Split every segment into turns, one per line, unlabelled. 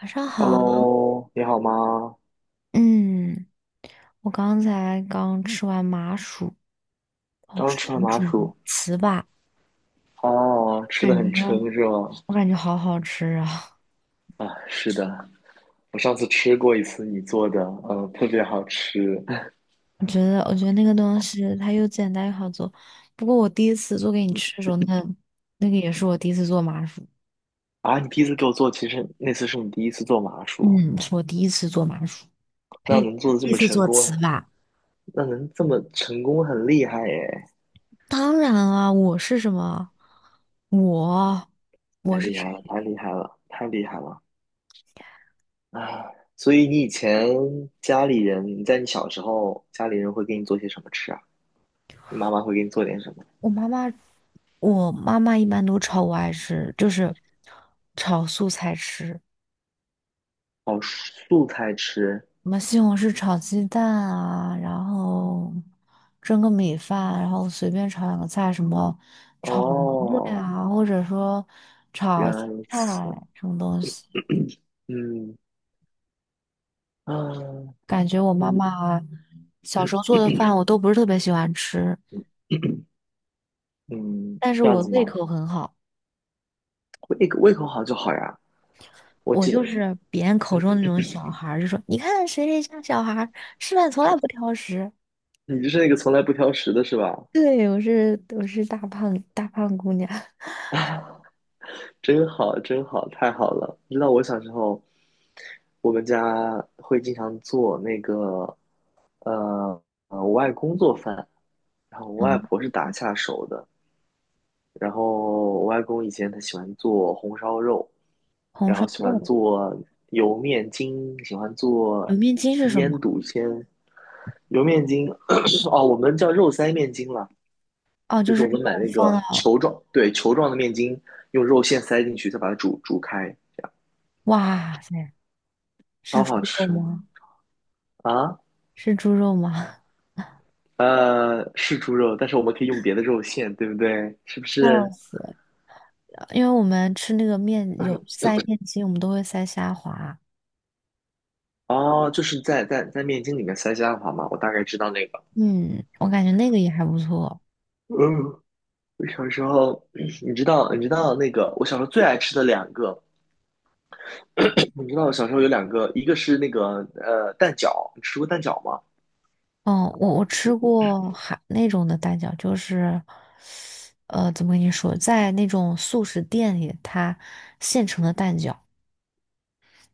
晚上好。
Hello，你好吗？
嗯，我刚才刚吃完麻薯。哦，
刚
是
吃完
红
麻
薯牛
薯。
糍粑。
哦，吃的
感
很
觉
撑是吗？
我感觉好好吃啊！
啊，是的，我上次吃过一次你做的，特别好吃。
我觉得那个东西它又简单又好做。不过我第一次做给你吃的时候，那个也是我第一次做麻薯。
啊，你第一次给我做，其实那次是你第一次做麻薯，
嗯，是我第一次做麻薯，
那
呸，
能做的这
第一
么
次
成
做
功，
糍粑。
那能这么成功，很厉害耶！
当然啊，我是什么？我
太
我是
厉害
谁？
了，太厉害了，太厉害了啊！所以你以前家里人，你在你小时候，家里人会给你做些什么吃啊？你妈妈会给你做点什么？
我妈妈，我妈妈一般都炒我爱吃，就是炒素菜吃。
哦，素菜吃。
什么西红柿炒鸡蛋啊，然后蒸个米饭，然后随便炒两个菜，什么炒馄饨
哦，
啊，或者说
原来如
菜
此。
什么东西。
嗯啊，
感觉我妈
嗯
妈小时候做的饭我都不是特别喜欢吃，
嗯，
但是
这样
我
子
胃
吗？
口很好。
胃口好就好呀。我
我
记
就
得
是别人口中那种小孩儿，就说你看谁谁家小孩儿吃饭从来不挑食。
你就是那个从来不挑食的是吧？
对，我是大胖大胖姑娘。
真好，真好，太好了。你知道我小时候，我们家会经常做那个，呃我外公做饭，然后我外
嗯，
婆是打下手的。然后我外公以前他喜欢做红烧肉，
红
然
烧
后喜欢
肉，
做油面筋，喜欢做
油面筋是什么？
腌笃鲜。油面筋，哦，我们叫肉塞面筋了，
哦，
就
就
是
是
我们
肉
买那
放
个
到，
球状，对，球状的面筋，用肉馅塞进去，再把它煮煮开，
哇塞，是
超
猪
好
肉
吃
吗？
啊！
是猪肉吗？
是猪肉，但是我们可以用别的肉馅，对不对？是不
笑
是？
死了！因为我们吃那个面有塞面筋，我们都会塞虾滑。
哦，就是在面筋里面塞虾滑嘛，我大概知道那个。
嗯，我感觉那个也还不错。
嗯，我小时候，你知道，你知道那个，我小时候最爱吃的两个，你知道小时候有两个，一个是那个蛋饺，你吃过蛋饺吗？
嗯，我吃过还那种的蛋饺，就是怎么跟你说，在那种速食店里，它现成的蛋饺。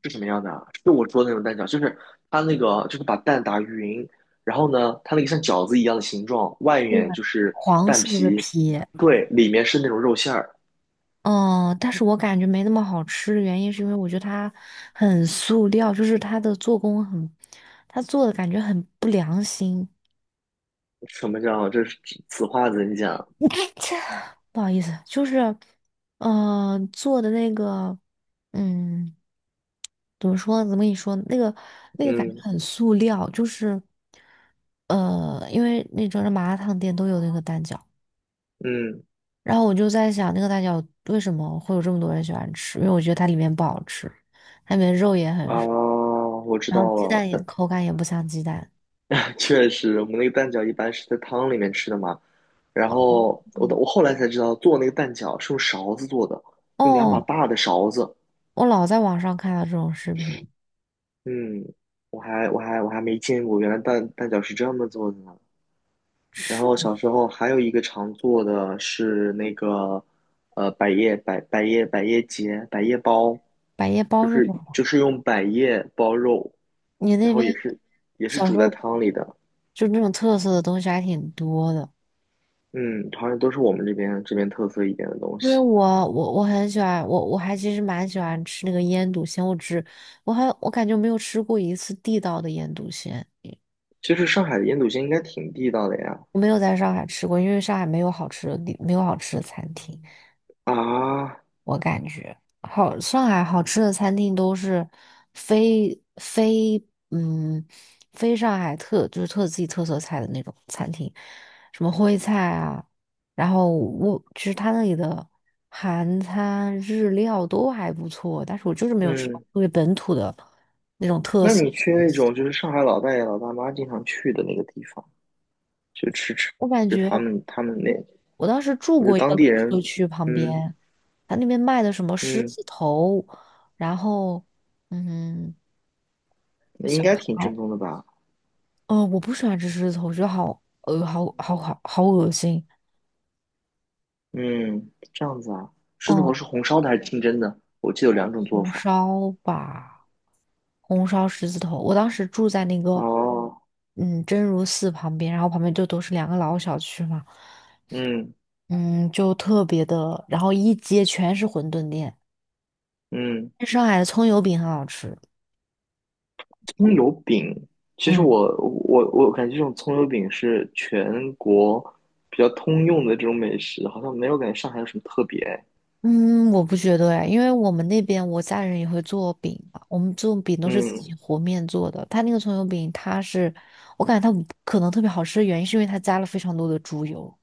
是什么样的啊？就我说的那种蛋饺，就是它那个就是把蛋打匀，然后呢，它那个像饺子一样的形状，外
对，
面就是
黄
蛋
色的
皮，
皮。
对，里面是那种肉馅儿。
嗯，但是我感觉没那么好吃的原因是因为我觉得它很塑料，就是它的做工很，它做的感觉很不良心。
什么叫这是此话怎讲？
不好意思，就是，做的那个，嗯，怎么说？怎么跟你说？那个那个感觉
嗯
很塑料，就是，因为那种麻辣烫店都有那个蛋饺。
嗯
然后我就在想，那个蛋饺为什么会有这么多人喜欢吃？因为我觉得它里面不好吃，它里面肉也很
啊，
少，
我知
然后
道
鸡
了，
蛋也
蛋。
口感也不像鸡蛋。
确实，我们那个蛋饺一般是在汤里面吃的嘛。然后我
哦，
我后来才知道，做那个蛋饺是用勺子做的，用两把
哦，
大的勺子。
我老在网上看到这种视频。
嗯，我还没见过，原来蛋饺是这么做的呢。然后
是
小时候还有一个常做的是那个，呃，百叶包，
百叶包
就
是什
是就
么？
是用百叶包肉，
你那
然后
边
也是
小
煮
时
在
候
汤里的。
就那种特色的东西还挺多的。
嗯，好像都是我们这边特色一点的东
因为
西。
我很喜欢我其实蛮喜欢吃那个腌笃鲜，我只我还我感觉没有吃过一次地道的腌笃鲜，
其实上海的腌笃鲜应该挺地道的呀。
我没有在上海吃过，因为上海没有好吃的地没有好吃的餐厅。
啊，
我感觉好，上海好吃的餐厅都是非非嗯非上海特就是特自己特色菜的那种餐厅，什么徽菜啊，然后我其实他那里的韩餐、日料都还不错，但是我就是没有吃到
嗯，
特别本土的那种特
那
色。
你去那种就是上海老大爷老大妈经常去的那个地方，就
我感
吃
觉
他们那，
我当时住
我觉得
过一
当
个
地
老社
人，
区旁
嗯
边，他那边卖的什么狮
嗯，
子头，然后嗯
那应
小
该挺
排。
正宗的吧？
哦，我不喜欢吃狮子头，我觉得好好好好好恶心。
嗯，这样子啊，狮子头
哦，
是红烧的还是清蒸的？我记得有两种做
红
法。
烧吧，红烧狮子头。我当时住在那个
哦，
嗯真如寺旁边，然后旁边就都是两个老小区嘛。
嗯
嗯，就特别的，然后一街全是馄饨店。
嗯。
上海的葱油饼很好吃。
葱油饼，其实
嗯。
我感觉这种葱油饼是全国比较通用的这种美食，好像没有感觉上海有什么特别。
嗯，我不觉得哎，因为我们那边我家人也会做饼嘛，我们做饼都是自己
嗯，
和面做的。他那个葱油饼，它是我感觉它可能特别好吃的原因，是因为它加了非常多的猪油。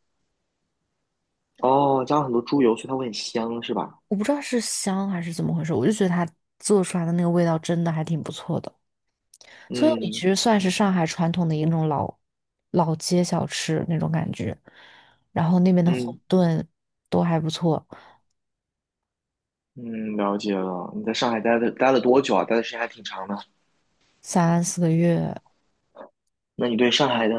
哦，加了很多猪油，所以它会很香，是吧？
我不知道是香还是怎么回事，我就觉得它做出来的那个味道真的还挺不错的。葱油饼其
嗯
实算是上海传统的一种老老街小吃那种感觉，然后那边的馄
嗯
饨都还不错。
嗯，了解了。你在上海待了多久啊？待的时间还挺长的。
三四个月。
那你对上海的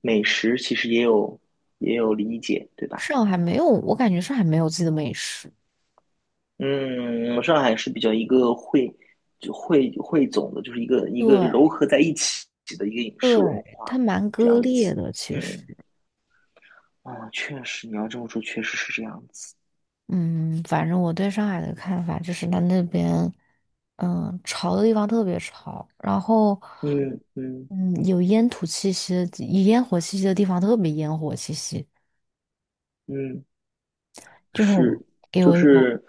美食其实也有理解，对吧？
上海没有，我感觉上海没有自己的美食。
嗯，上海是比较一个汇总的，就是一个一个糅
对，
合在一起的一个饮食文
对，
化，
它蛮
这
割
样
裂
子。
的，其
嗯，
实。
啊，确实，你要这么说，确实是这样子。
嗯，反正我对上海的看法就是，它那边，嗯，潮的地方特别潮。然后，
嗯嗯
嗯，有烟土气息的地烟火气息的地方特别烟火气息，
嗯，
就很
是，
给
就
我一种，
是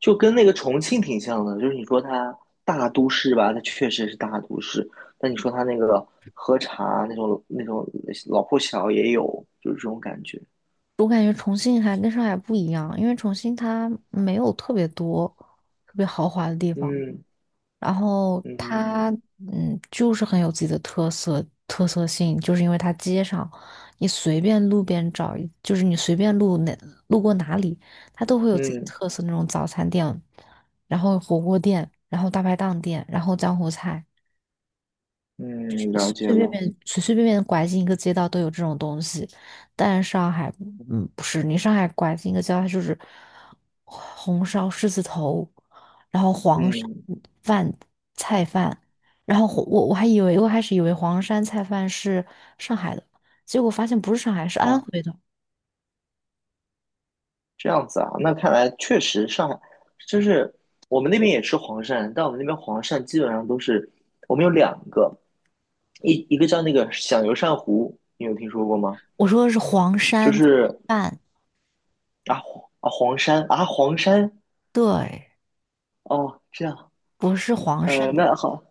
就跟那个重庆挺像的，就是你说它大都市吧，它确实是大都市，但你说它那个喝茶那种老破小也有，就是这种感觉。
我感觉重庆还跟上海不一样，因为重庆它没有特别多特别豪华的地方。
嗯
然后
嗯
它，嗯，就是很有自己的特色性，就是因为它街上，你随便路边找一，就是你随便路哪路过哪里，它都会有自己的
嗯。
特色那种早餐店，然后火锅店，然后大排档店，然后江湖菜，随
嗯，了解
随便
了。
便随随便便拐进一个街道都有这种东西。但上海，嗯，不是，你上海拐进一个街道，它就是红烧狮子头，然后黄山
嗯，
饭菜饭，然后我还以为我开始以为黄山菜饭是上海的，结果发现不是上海，是安
黄，
徽的。
这样子啊，那看来确实上海就是我们那边也吃黄鳝，但我们那边黄鳝基本上都是我们有两个，一个叫那个响油鳝糊，你有听说过吗？
我说的是黄
就
山菜
是
饭，
啊黄啊黄鳝啊黄山
对，
哦，这样
不是黄山，
那好。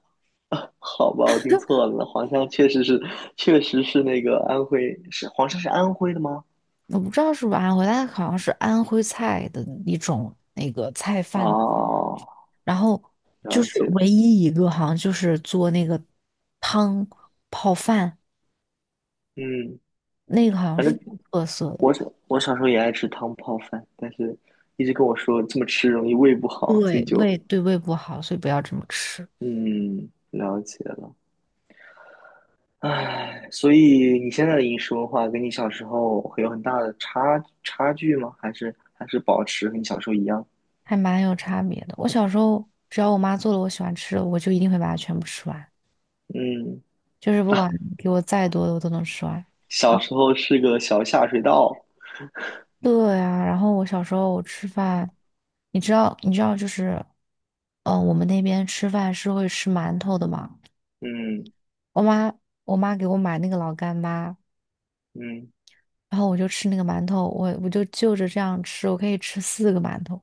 好吧，我听错了，黄山确实是，那个安徽，是黄山是安徽的吗？
我不知道是不是安徽，但好像是安徽菜的一种那个菜饭。
哦，
然后就
了
是
解，
唯一一个好像就是做那个汤泡饭，
嗯。
那个好像
反
是
正。
特色的。
我小时候也爱吃汤泡饭，但是一直跟我说这么吃容易胃不
对
好，所以就
胃对胃不好，所以不要这么吃。
嗯了解了。唉，所以你现在的饮食文化跟你小时候会有很大的差距吗？还是保持和你小时候一样？
还蛮有差别的。我小时候只要我妈做了我喜欢吃的，我就一定会把它全部吃完，
嗯
就是 不管
啊，
给我再多的我都能吃完。啊，
小时候是个小下水道。
对呀。然后我小时候我吃饭，你知道就是，我们那边吃饭是会吃馒头的嘛。
嗯
我妈我妈给我买那个老干妈，
嗯，
然后我就吃那个馒头，我就就着这样吃，我可以吃四个馒头。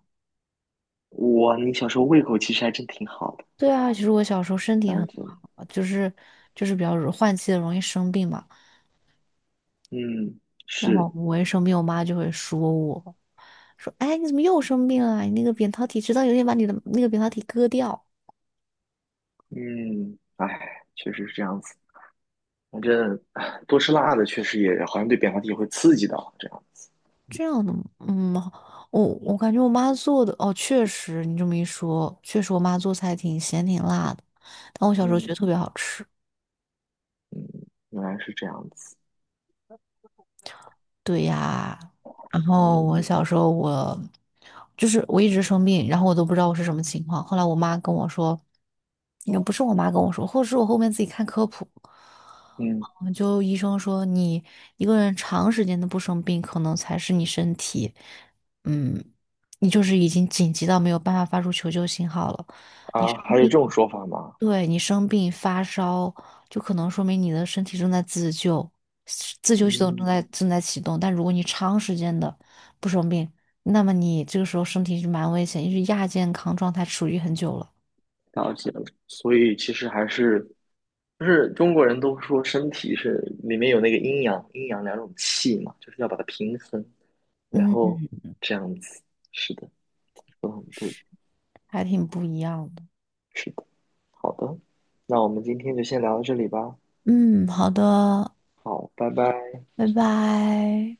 你小时候胃口其实还真挺好的，
对啊，其实我小时候身体
讲
很
真。
好，就是比较容换季的容易生病嘛。
嗯，
然
是，
后我一生病，我妈就会说我，说哎你怎么又生病了？你那个扁桃体直到有一天把你的那个扁桃体割掉，
嗯，唉，确实是这样子。反正多吃辣的确实也好像对扁桃体会刺激到这样。
这样的嗯，我感觉我妈做的哦，确实你这么一说，确实我妈做菜挺咸挺辣的，但我小时候觉得
嗯，
特别好吃。
原来是这样子。
对呀，然后我
嗯
小时候我就是我一直生病，然后我都不知道我是什么情况。后来我妈跟我说，也不是我妈跟我说，或者是我后面自己看科普。
嗯
嗯，就医生说你一个人长时间的不生病，可能才是你身体，嗯，你就是已经紧急到没有办法发出求救信号了，你
啊，
生
还有这
病。
种说法吗？
对你生病发烧，就可能说明你的身体正在自救，自救系统正在
嗯，
正在启动。但如果你长时间的不生病，那么你这个时候身体是蛮危险，因为亚健康状态处于很久了。
了解了。所以其实还是就是中国人都说身体是里面有那个阴阳两种气嘛，就是要把它平衡，然
嗯，
后这样子。是的，说的很对。
还挺不一样的。
是的，好的，那我们今天就先聊到这里吧。
嗯，好的，
好，拜拜。
拜拜。